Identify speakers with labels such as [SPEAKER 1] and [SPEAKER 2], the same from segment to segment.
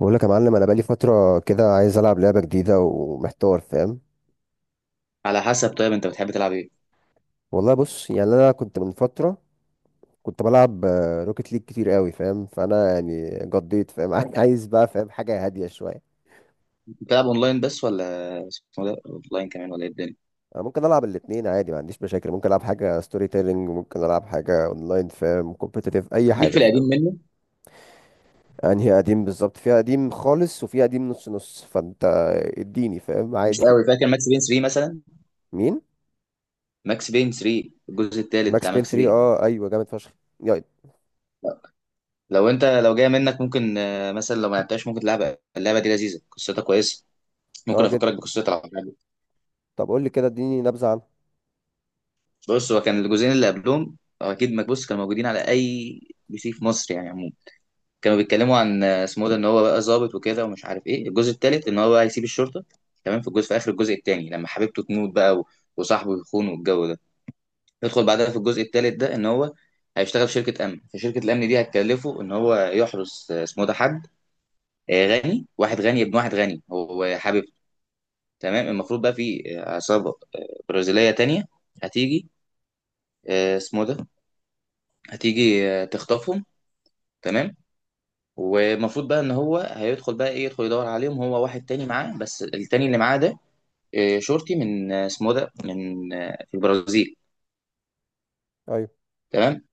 [SPEAKER 1] بقول لك يا معلم، انا بقالي فتره كده عايز العب لعبه جديده ومحتار فاهم.
[SPEAKER 2] على حسب. طيب، انت بتحب تلعب ايه؟
[SPEAKER 1] والله بص، يعني انا كنت من فتره بلعب روكيت ليج كتير قوي فاهم. فانا يعني قضيت فاهم. عايز بقى فاهم حاجه هاديه شويه.
[SPEAKER 2] بتلعب اونلاين بس، ولا اسمه ده اوفلاين كمان، ولا ايه الدنيا؟
[SPEAKER 1] انا ممكن العب الاتنين عادي، ما عنديش مشاكل. ممكن العب حاجه ستوري تيلينج، ممكن العب حاجه اونلاين فاهم كومبيتيتيف، اي
[SPEAKER 2] ليك
[SPEAKER 1] حاجه
[SPEAKER 2] في القديم
[SPEAKER 1] فاهم.
[SPEAKER 2] منه؟
[SPEAKER 1] انهي قديم بالظبط؟ فيها قديم خالص وفيها قديم نص نص، فانت اديني فاهم
[SPEAKER 2] مش
[SPEAKER 1] عادي.
[SPEAKER 2] قوي فاكر ماكس بين 3 مثلا؟
[SPEAKER 1] مين؟
[SPEAKER 2] ماكس بين 3، الجزء الثالث
[SPEAKER 1] ماكس
[SPEAKER 2] بتاع
[SPEAKER 1] بين
[SPEAKER 2] ماكس
[SPEAKER 1] 3؟
[SPEAKER 2] بين.
[SPEAKER 1] اه ايوه جامد فشخ. يا-
[SPEAKER 2] لو جايه منك ممكن، مثلا لو ما لعبتهاش ممكن تلعب اللعبه دي، لذيذه، قصتها كويسه. ممكن
[SPEAKER 1] اه جد.
[SPEAKER 2] افكرك بقصتها لو حابب.
[SPEAKER 1] طب قول لي كده، اديني نبذه عنه.
[SPEAKER 2] بص، هو كان الجزئين اللي قبلهم، هو اكيد ما بص كانوا موجودين على اي بي سي في مصر يعني عموما. كانوا بيتكلموا عن آه، اسمه ده ان هو بقى ظابط وكده، ومش عارف ايه. الجزء الثالث ان هو بقى هيسيب الشرطه، تمام. في اخر الجزء الثاني لما حبيبته تموت بقى وصاحبه يخون والجو ده، يدخل بعدها في الجزء الثالث ده ان هو هيشتغل في شركه امن. فشركه الامن دي هتكلفه ان هو يحرس آه، اسمه ده حد غني، واحد غني ابن واحد غني هو حبيبته. تمام. المفروض بقى في عصابه برازيليه تانية هتيجي، آه، اسمه ده هتيجي تخطفهم، تمام. ومفروض بقى ان هو هيدخل بقى، ايه، يدخل يدور عليهم هو واحد تاني معاه، بس التاني اللي معاه ده شرطي من آه، اسمه ده من في البرازيل،
[SPEAKER 1] ايوه،
[SPEAKER 2] تمام.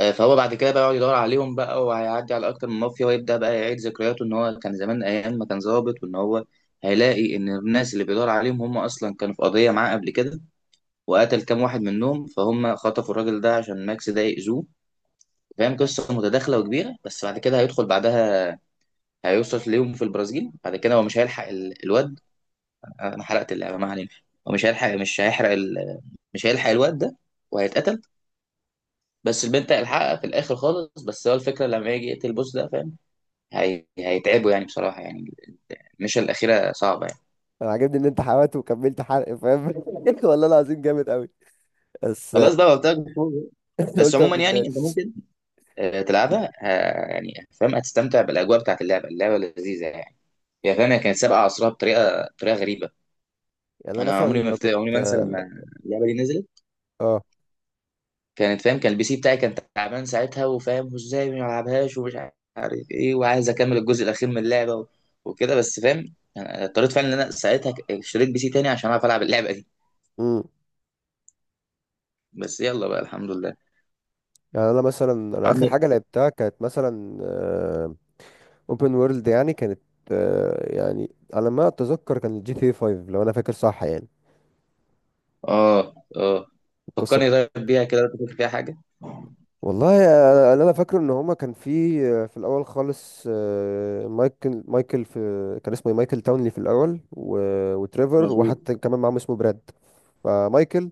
[SPEAKER 2] فهو بعد كده بقى يقعد يدور عليهم بقى، وهيعدي على اكتر من مافيا، ويبدا بقى يعيد ذكرياته ان هو كان زمان ايام ما كان ظابط، وان هو هيلاقي ان الناس اللي بيدور عليهم هم اصلا كانوا في قضيه معاه قبل كده وقتل كام واحد منهم، فهم خطفوا الراجل ده عشان ماكس ده يأذوه. فاهم، قصه متداخله وكبيره. بس بعد كده هيدخل بعدها، هيوصل ليهم في البرازيل. بعد كده هو مش هيلحق الواد، انا حرقت اللعبه، ما علينا. هو مش هيلحق، مش هيحرق ال... مش هيلحق الواد ده وهيتقتل. بس البنت هيلحقها في الاخر خالص. بس هو الفكره لما يجي يقتل البوس ده فاهم، هيتعبوا يعني، بصراحه يعني المشة الاخيره صعبه يعني.
[SPEAKER 1] انا عاجبني ان انت حاولت وكملت حرق فاهم. والله العظيم جامد قوي. بس
[SPEAKER 2] خلاص بقى، قلت لك بفوز. بس
[SPEAKER 1] قلت ما
[SPEAKER 2] عموما يعني انت
[SPEAKER 1] بداش.
[SPEAKER 2] ممكن تلعبها، يعني فاهم، هتستمتع بالاجواء بتاعت اللعبه. اللعبه لذيذه يعني، هي فاهم، هي كانت سابقه عصرها بطريقه غريبه.
[SPEAKER 1] يعني انا
[SPEAKER 2] انا
[SPEAKER 1] مثلا لما كنت
[SPEAKER 2] عمري ما انسى لما اللعبه دي نزلت.
[SPEAKER 1] آه،
[SPEAKER 2] كانت فاهم، كان البي سي بتاعي كان تعبان ساعتها، وفاهم وازاي ما يلعبهاش ومش عارف ايه، وعايز اكمل الجزء الاخير من اللعبه وكده. بس فاهم يعني، اضطريت فعلا ان انا ساعتها اشتريت بي سي تاني عشان اعرف العب اللعبه دي.
[SPEAKER 1] امم
[SPEAKER 2] بس يلا بقى، الحمد لله.
[SPEAKER 1] يعني انا مثلا، انا اخر
[SPEAKER 2] عندي.
[SPEAKER 1] حاجه لعبتها كانت مثلا اوبن وورلد، يعني كانت يعني على ما اتذكر كان جي تي 5 لو انا فاكر صح يعني
[SPEAKER 2] اه اه.
[SPEAKER 1] القصه.
[SPEAKER 2] فكرني طيب بيها كده لو فاكر فيها حاجه.
[SPEAKER 1] والله انا اللي انا فاكره ان هما كان في في الاول خالص مايكل في، كان اسمه إيه؟ مايكل تاونلي في الاول و... وتريفر،
[SPEAKER 2] مظبوط.
[SPEAKER 1] وحتى كمان معاهم اسمه براد. فمايكل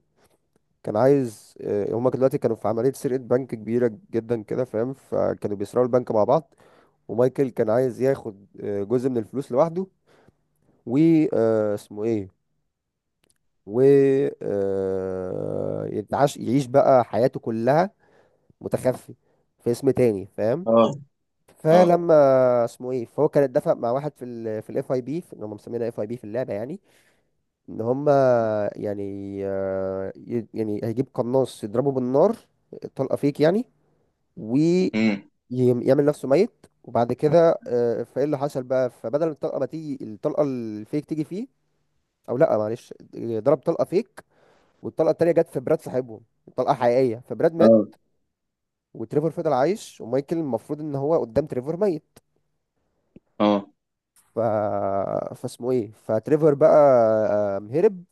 [SPEAKER 1] كان عايز هما دلوقتي كانوا في عملية سرقة بنك كبيرة جدا كده فاهم، فكانوا بيسرقوا البنك مع بعض. ومايكل كان عايز ياخد جزء من الفلوس لوحده و اسمه ايه، و يتعاش يعيش بقى حياته كلها متخفي في اسم تاني فاهم.
[SPEAKER 2] اه اه.
[SPEAKER 1] فلما اسمه ايه، فهو كان اتفق مع واحد في في الاف اي بي، ان هم مسمينها اف اي بي في اللعبه يعني، ان هم يعني يعني هيجيب قناص يضربه بالنار، طلقه فيك يعني، ويعمل
[SPEAKER 2] امم.
[SPEAKER 1] نفسه ميت. وبعد كده فايه اللي حصل بقى، فبدل الطلقه ما تيجي الطلقه الفيك تيجي فيه. او لا معلش، ضرب طلقه فيك، والطلقه التانيه جت في براد صاحبهم، الطلقه حقيقيه، فبراد مات.
[SPEAKER 2] اه
[SPEAKER 1] وتريفر فضل عايش ومايكل المفروض ان هو قدام تريفر ميت.
[SPEAKER 2] اه
[SPEAKER 1] ف فاسمه ايه، فتريفر بقى هرب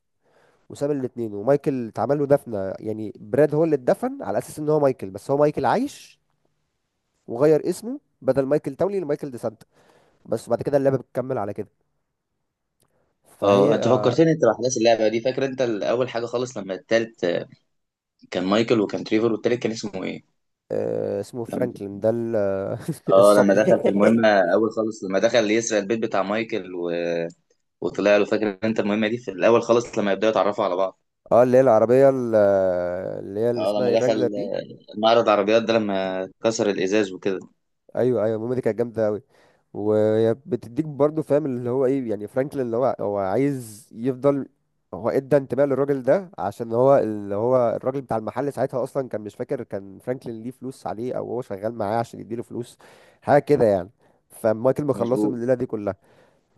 [SPEAKER 1] وساب الاتنين. ومايكل اتعمل له دفنه، يعني براد هو اللي اتدفن على اساس ان هو مايكل، بس هو مايكل عايش. وغير اسمه بدل مايكل تاولي لمايكل ديسانتا. بس بعد كده اللعبه بتكمل على كده. فهي
[SPEAKER 2] اه انت فكرتني انت باحداث اللعبه دي. فاكر انت اول حاجه خالص لما التالت كان مايكل وكان تريفر، والتالت كان اسمه
[SPEAKER 1] اسمه
[SPEAKER 2] ايه؟
[SPEAKER 1] فرانكلين ده
[SPEAKER 2] اه لما
[SPEAKER 1] الصبي.
[SPEAKER 2] دخل في المهمة أول خالص لما دخل يسرق البيت بتاع مايكل وطلع له. فاكر أنت المهمة دي في الأول خالص لما يبدأوا يتعرفوا على بعض؟
[SPEAKER 1] اه، اللي هي العربية اللي هي اللي
[SPEAKER 2] اه
[SPEAKER 1] اسمها
[SPEAKER 2] لما
[SPEAKER 1] إيه،
[SPEAKER 2] دخل
[SPEAKER 1] الرانجلر دي.
[SPEAKER 2] معرض عربيات ده لما كسر الإزاز وكده.
[SPEAKER 1] ايوه المهم دي كانت جامدة قوي. وهي بتديك برضو فاهم اللي هو ايه، يعني فرانكلين اللي هو هو عايز يفضل. هو ادى انتباه للراجل ده عشان هو اللي هو الراجل بتاع المحل ساعتها، اصلا كان مش فاكر كان فرانكلين ليه فلوس عليه او هو شغال معاه عشان يديله فلوس، حاجة كده يعني. فمايكل مخلصه من
[SPEAKER 2] مظبوط.
[SPEAKER 1] الليلة دي كلها.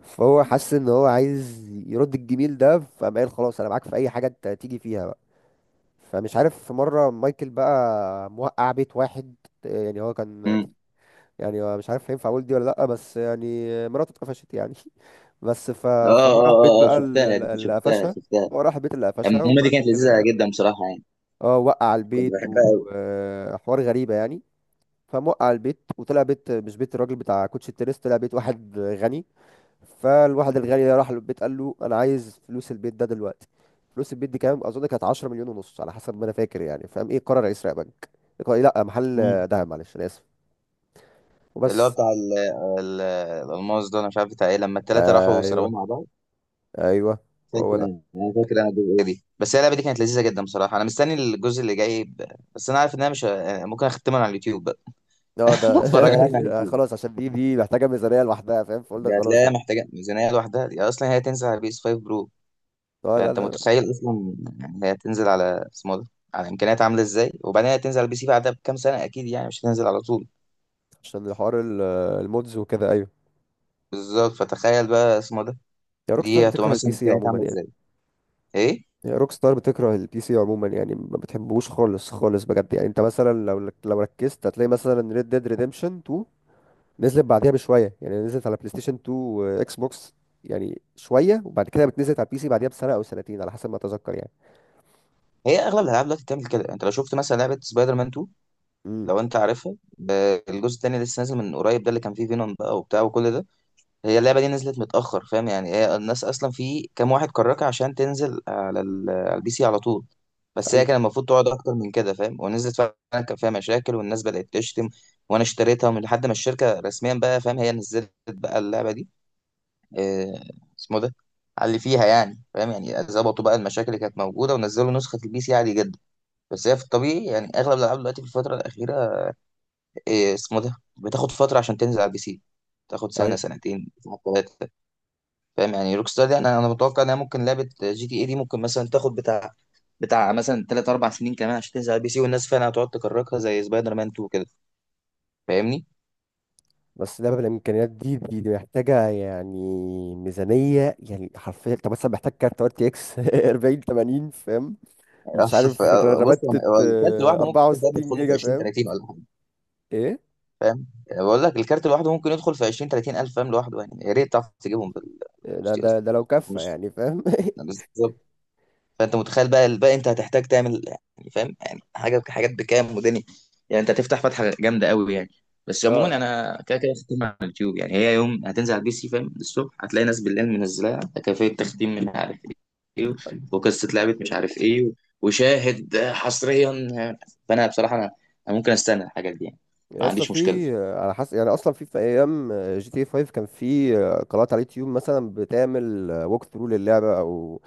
[SPEAKER 1] فهو حس ان هو عايز يرد الجميل ده، فقام قال خلاص انا معاك في اي حاجه انت تيجي فيها بقى. فمش عارف، في مره مايكل بقى موقع بيت واحد، يعني هو كان،
[SPEAKER 2] مم.
[SPEAKER 1] يعني هو مش عارف ينفع اقول دي ولا لا، بس يعني مراته اتقفشت يعني. بس
[SPEAKER 2] اه
[SPEAKER 1] فهو راح
[SPEAKER 2] اه
[SPEAKER 1] بيت
[SPEAKER 2] اه اه،
[SPEAKER 1] بقى
[SPEAKER 2] شفتها دي،
[SPEAKER 1] اللي قفشها.
[SPEAKER 2] شفتها.
[SPEAKER 1] هو راح بيت اللي قفشها،
[SPEAKER 2] المهمة دي
[SPEAKER 1] وبعد
[SPEAKER 2] كانت
[SPEAKER 1] كده
[SPEAKER 2] لذيذة جدا بصراحة يعني،
[SPEAKER 1] اه وقع
[SPEAKER 2] كنت
[SPEAKER 1] البيت
[SPEAKER 2] بحبها أوي.
[SPEAKER 1] وحوار غريبة يعني. فموقع البيت وطلع بيت مش بيت الراجل بتاع كوتش التنس، طلع بيت واحد غني. فالواحد الغني ده راح للبيت قال له انا عايز فلوس البيت ده دلوقتي. فلوس البيت دي كام؟ اظن كانت 10 مليون ونص على حسب ما انا فاكر يعني فاهم. ايه، قرر يسرق بنك. لا محل
[SPEAKER 2] مم.
[SPEAKER 1] دهب، معلش انا اسف.
[SPEAKER 2] اللي هو
[SPEAKER 1] وبس.
[SPEAKER 2] بتاع ال- الألماس ده، أنا مش عارف بتاع إيه، لما التلاتة راحوا سرقوه
[SPEAKER 1] ايوه
[SPEAKER 2] مع بعض.
[SPEAKER 1] ايوه هو
[SPEAKER 2] فاكر
[SPEAKER 1] ده.
[SPEAKER 2] انا، الجزئيه دي. بس هي اللعبه دي كانت لذيذه جدا بصراحه. انا مستني الجزء اللي جاي بس انا عارف ان انا مش ه- يعني ممكن اختمها على اليوتيوب بقى.
[SPEAKER 1] اه
[SPEAKER 2] اتفرج عليها من على
[SPEAKER 1] ده
[SPEAKER 2] اليوتيوب.
[SPEAKER 1] خلاص، عشان دي محتاجه ميزانيه لوحدها فاهم، فقلنا
[SPEAKER 2] دي
[SPEAKER 1] خلاص
[SPEAKER 2] هتلاقيها
[SPEAKER 1] بقى.
[SPEAKER 2] محتاجه ميزانيه لوحدها. دي اصلا هي تنزل على بيس 5 برو.
[SPEAKER 1] اه لا
[SPEAKER 2] فانت
[SPEAKER 1] لا لا
[SPEAKER 2] متخيل اصلا، يعني هي تنزل على اسمه ده على امكانيات عامله ازاي. وبعدين هتنزل على البي سي بعدها بكام سنه اكيد يعني، مش هتنزل على طول.
[SPEAKER 1] عشان الحوار المودز وكده ايوه.
[SPEAKER 2] بالظبط، فتخيل بقى اسمه ده
[SPEAKER 1] يا روك ستار
[SPEAKER 2] دي هتبقى
[SPEAKER 1] بتكره
[SPEAKER 2] مثلا
[SPEAKER 1] البي سي
[SPEAKER 2] امكانيات
[SPEAKER 1] عموما
[SPEAKER 2] عامله
[SPEAKER 1] يعني.
[SPEAKER 2] ازاي. ايه.
[SPEAKER 1] هي روك ستار بتكره البي سي عموما يعني، ما بتحبوش خالص خالص بجد يعني. انت مثلا لو ركزت هتلاقي مثلا ريد ديد ريديمشن 2 نزلت بعديها بشويه، يعني نزلت على بلاي ستيشن 2 واكس بوكس يعني شويه، وبعد كده بتنزلت على البي سي بعديها بسنه او سنتين على حسب ما اتذكر يعني.
[SPEAKER 2] هي اغلب الالعاب دلوقتي بتعمل كده. انت لو شفت مثلا لعبه سبايدر مان،
[SPEAKER 1] امم
[SPEAKER 2] لو انت عارفه، الجزء التاني لسه نازل من قريب، ده اللي كان فيه فينوم بقى وبتاع وكل ده. هي اللعبه دي نزلت متاخر فاهم، يعني هي الناس اصلا، في كام واحد كركها عشان تنزل على على البي سي على طول. بس هي كان
[SPEAKER 1] ايوه
[SPEAKER 2] المفروض تقعد اكتر من كده فاهم، ونزلت فعلا كان فيها مشاكل، والناس بدات تشتم، وانا اشتريتها من لحد ما الشركه رسميا بقى، فاهم، هي نزلت بقى اللعبه دي آه، اسمه ده على اللي فيها يعني، فاهم يعني، ظبطوا بقى المشاكل اللي كانت موجوده ونزلوا نسخه البي سي عادي جدا. بس هي في الطبيعي يعني، اغلب الالعاب دلوقتي في الفتره الاخيره، إيه اسمه ده بتاخد فترة عشان تنزل على البي سي، تاخد سنة
[SPEAKER 1] ايوه
[SPEAKER 2] سنتين ثلاثة. فاهم يعني، روك ستار دي، انا متوقع انها ممكن لعبة جي تي اي دي ممكن مثلا تاخد بتاع، مثلا ثلاث اربع سنين كمان عشان تنزل على البي سي. والناس فعلا هتقعد تكركها زي سبايدر مان 2 كده، فاهمني؟
[SPEAKER 1] بس لعبه بالامكانيات دي دي محتاجه يعني ميزانيه، يعني حرفيا انت مثلا محتاج كارت ار تي اكس 40 80 فاهم. مش
[SPEAKER 2] ف-
[SPEAKER 1] عارف
[SPEAKER 2] بص
[SPEAKER 1] الرامات
[SPEAKER 2] يعني هو الكارت لوحده ممكن فاهم
[SPEAKER 1] 64
[SPEAKER 2] يدخل له في
[SPEAKER 1] جيجا
[SPEAKER 2] 20
[SPEAKER 1] فاهم.
[SPEAKER 2] 30 ولا حاجة.
[SPEAKER 1] إيه؟
[SPEAKER 2] فاهم؟ بقول لك الكارت لوحده ممكن يدخل في 20 30 الف فاهم، لوحده، يعني يا ريت تعرف تجيبهم بالفلوس
[SPEAKER 1] ده
[SPEAKER 2] دي
[SPEAKER 1] ده
[SPEAKER 2] اصلا.
[SPEAKER 1] ده لو كفى
[SPEAKER 2] مش
[SPEAKER 1] يعني فاهم.
[SPEAKER 2] بالظبط. فانت متخيل بقى الباقي، انت هتحتاج تعمل، يعني فاهم يعني حاجه، حاجات بكام ودني يعني. انت هتفتح فتحه جامده قوي يعني. بس
[SPEAKER 1] اه،
[SPEAKER 2] عموما انا كده كده ختمها على اليوتيوب يعني، هي يوم هتنزل على البي سي فاهم الصبح هتلاقي ناس بالليل منزلاها، كافيه تختيم مش عارف ايه، وقصه لعبه مش عارف ايه، وشاهد حصريا. فانا بصراحه أنا ممكن استنى الحاجات دي يعني،
[SPEAKER 1] يعني
[SPEAKER 2] ما
[SPEAKER 1] اصلا
[SPEAKER 2] عنديش مشكله.
[SPEAKER 1] في على حسب يعني، اصلا في ايام جي تي 5 كان في قنوات على اليوتيوب مثلا بتعمل ووك ثرو للعبه، او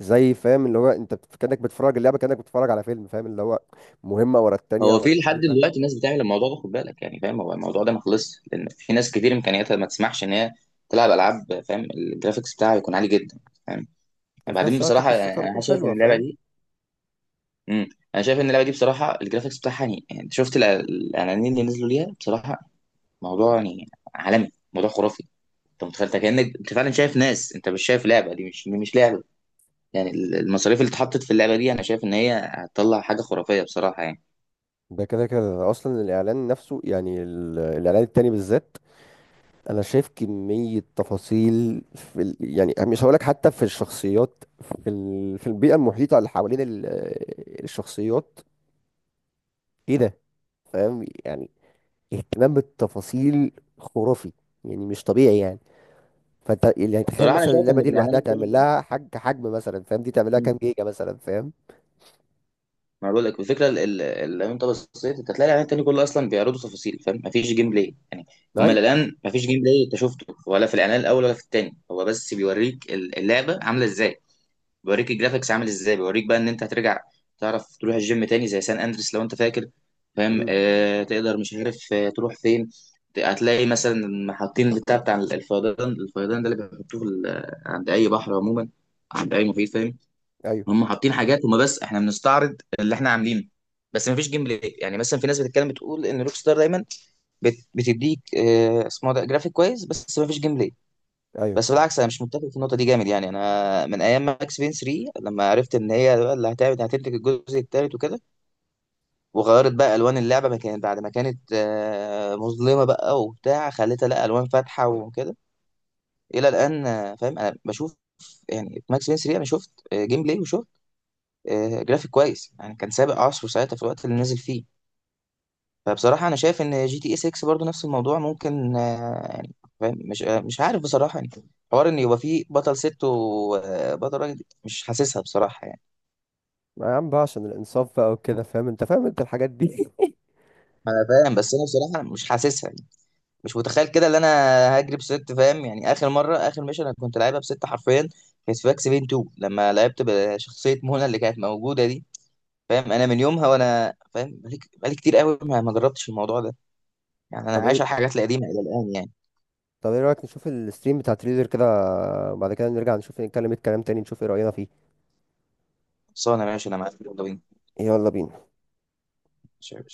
[SPEAKER 1] زي فاهم اللي هو انت كانك بتتفرج اللعبه كانك بتتفرج على فيلم فاهم، اللي هو مهمه ورا التانيه
[SPEAKER 2] هو
[SPEAKER 1] ورا
[SPEAKER 2] في لحد
[SPEAKER 1] التالته.
[SPEAKER 2] دلوقتي ناس بتعمل الموضوع ده، خد بالك يعني فاهم، هو الموضوع ده ما خلصش، لان في ناس كتير امكانياتها ما تسمحش ان هي تلعب العاب فاهم الجرافيكس بتاعها يكون عالي جدا فاهم يعني.
[SPEAKER 1] وفي
[SPEAKER 2] بعدين
[SPEAKER 1] نفس الوقت
[SPEAKER 2] بصراحه
[SPEAKER 1] قصتها
[SPEAKER 2] يعني
[SPEAKER 1] بتكون حلوه فاهم.
[SPEAKER 2] امم، انا شايف ان اللعبه دي بصراحه الجرافيكس بتاعها يعني يعني، أنت شفت الاعلانين اللي نزلوا ليها بصراحه، موضوع يعني عالمي، موضوع خرافي. انت متخيل، أنت كانك انت فعلا شايف ناس، انت مش شايف لعبه، دي مش لعبه يعني. المصاريف اللي اتحطت في اللعبه دي انا شايف ان هي هتطلع حاجه خرافيه بصراحه يعني.
[SPEAKER 1] ده كده كده اصلا الاعلان نفسه، يعني الاعلان التاني بالذات، انا شايف كمية تفاصيل في يعني مش هقولك حتى في الشخصيات، في في البيئة المحيطة اللي حوالين الشخصيات. ايه ده، فاهم يعني، اهتمام بالتفاصيل خرافي يعني، مش طبيعي يعني. فانت يعني تخيل
[SPEAKER 2] بصراحه انا
[SPEAKER 1] مثلا
[SPEAKER 2] شايف
[SPEAKER 1] اللعبة
[SPEAKER 2] ان في
[SPEAKER 1] دي
[SPEAKER 2] الاعلان
[SPEAKER 1] لوحدها
[SPEAKER 2] التاني
[SPEAKER 1] تعمل لها حج حجم مثلا فاهم، دي تعمل لها
[SPEAKER 2] ده،
[SPEAKER 1] كام جيجا مثلا فاهم.
[SPEAKER 2] ما بقول لك الفكره لو انت بصيت انت هتلاقي الاعلان التاني كله اصلا بيعرضوا تفاصيل فاهم، مفيش جيم بلاي يعني. هما
[SPEAKER 1] ايوه
[SPEAKER 2] الاعلان مفيش جيم بلاي انت شفته، ولا في الاعلان الاول ولا في التاني هو بس بيوريك اللعبه عامله ازاي، بيوريك الجرافيكس عامل ازاي، بيوريك بقى ان انت هترجع تعرف تروح الجيم تاني زي سان اندريس لو انت فاكر، فاهم،
[SPEAKER 1] امم
[SPEAKER 2] آه تقدر مش عارف آه تروح فين، هتلاقي مثلا حاطين البتاع بتاع الفيضان، الفيضان ده اللي بيحطوه في عند اي بحر عموما، عند اي مفيد فاهم.
[SPEAKER 1] ايوه
[SPEAKER 2] هم حاطين حاجات، هم بس احنا بنستعرض اللي احنا عاملينه، بس مفيش جيم بلاي يعني. مثلا في ناس بتتكلم بتقول ان روك ستار دايما بتديك آه، اسمه ده جرافيك كويس بس مفيش جيم بلاي.
[SPEAKER 1] ايوه
[SPEAKER 2] بس بالعكس انا مش متفق في النقطه دي جامد يعني. انا من ايام ماكس بين 3 لما عرفت ان هي بقى اللي هتنتج الجزء الثالث وكده، وغيرت بقى الوان اللعبه، ما كانت، مظلمه بقى وبتاع، خلتها لا الوان فاتحه وكده، الى الان فاهم، انا بشوف يعني في ماكس بين 3 انا شفت جيم بلاي جرافيك كويس يعني، كان سابق عصره ساعتها في الوقت اللي نزل فيه. فبصراحة أنا شايف إن جي تي إيه 6 برضه نفس الموضوع، ممكن يعني فاهم؟ مش مش عارف بصراحة يعني. حوار إن يبقى فيه بطل ست وبطل راجل، دي مش حاسسها بصراحة يعني.
[SPEAKER 1] ما يا عم بقى، عشان الانصاف بقى وكده فاهم، انت فاهم انت الحاجات دي.
[SPEAKER 2] أنا فاهم بس أنا بصراحة مش حاسسها يعني، مش متخيل كده اللي أنا هجري بست فاهم يعني. آخر مرة، آخر ميشن أنا كنت لعبها بست حرفيا، كانت في باكس بين 2 لما لعبت بشخصية منى اللي كانت موجودة دي. فاهم، أنا من يومها وأنا فاهم بقالي كتير قوي ما جربتش الموضوع ده. يعني انا
[SPEAKER 1] طب،
[SPEAKER 2] عايش على الحاجات القديمه الى الان يعني.
[SPEAKER 1] طب ايه رأيك نشوف الستريم بتاع تريزر كده؟ بعد كده نرجع نشوف، نتكلم الكلام تاني نشوف ايه رأينا فيه.
[SPEAKER 2] خلصانه ماشي، انا معاك، يلا
[SPEAKER 1] يلا بينا.
[SPEAKER 2] بينا.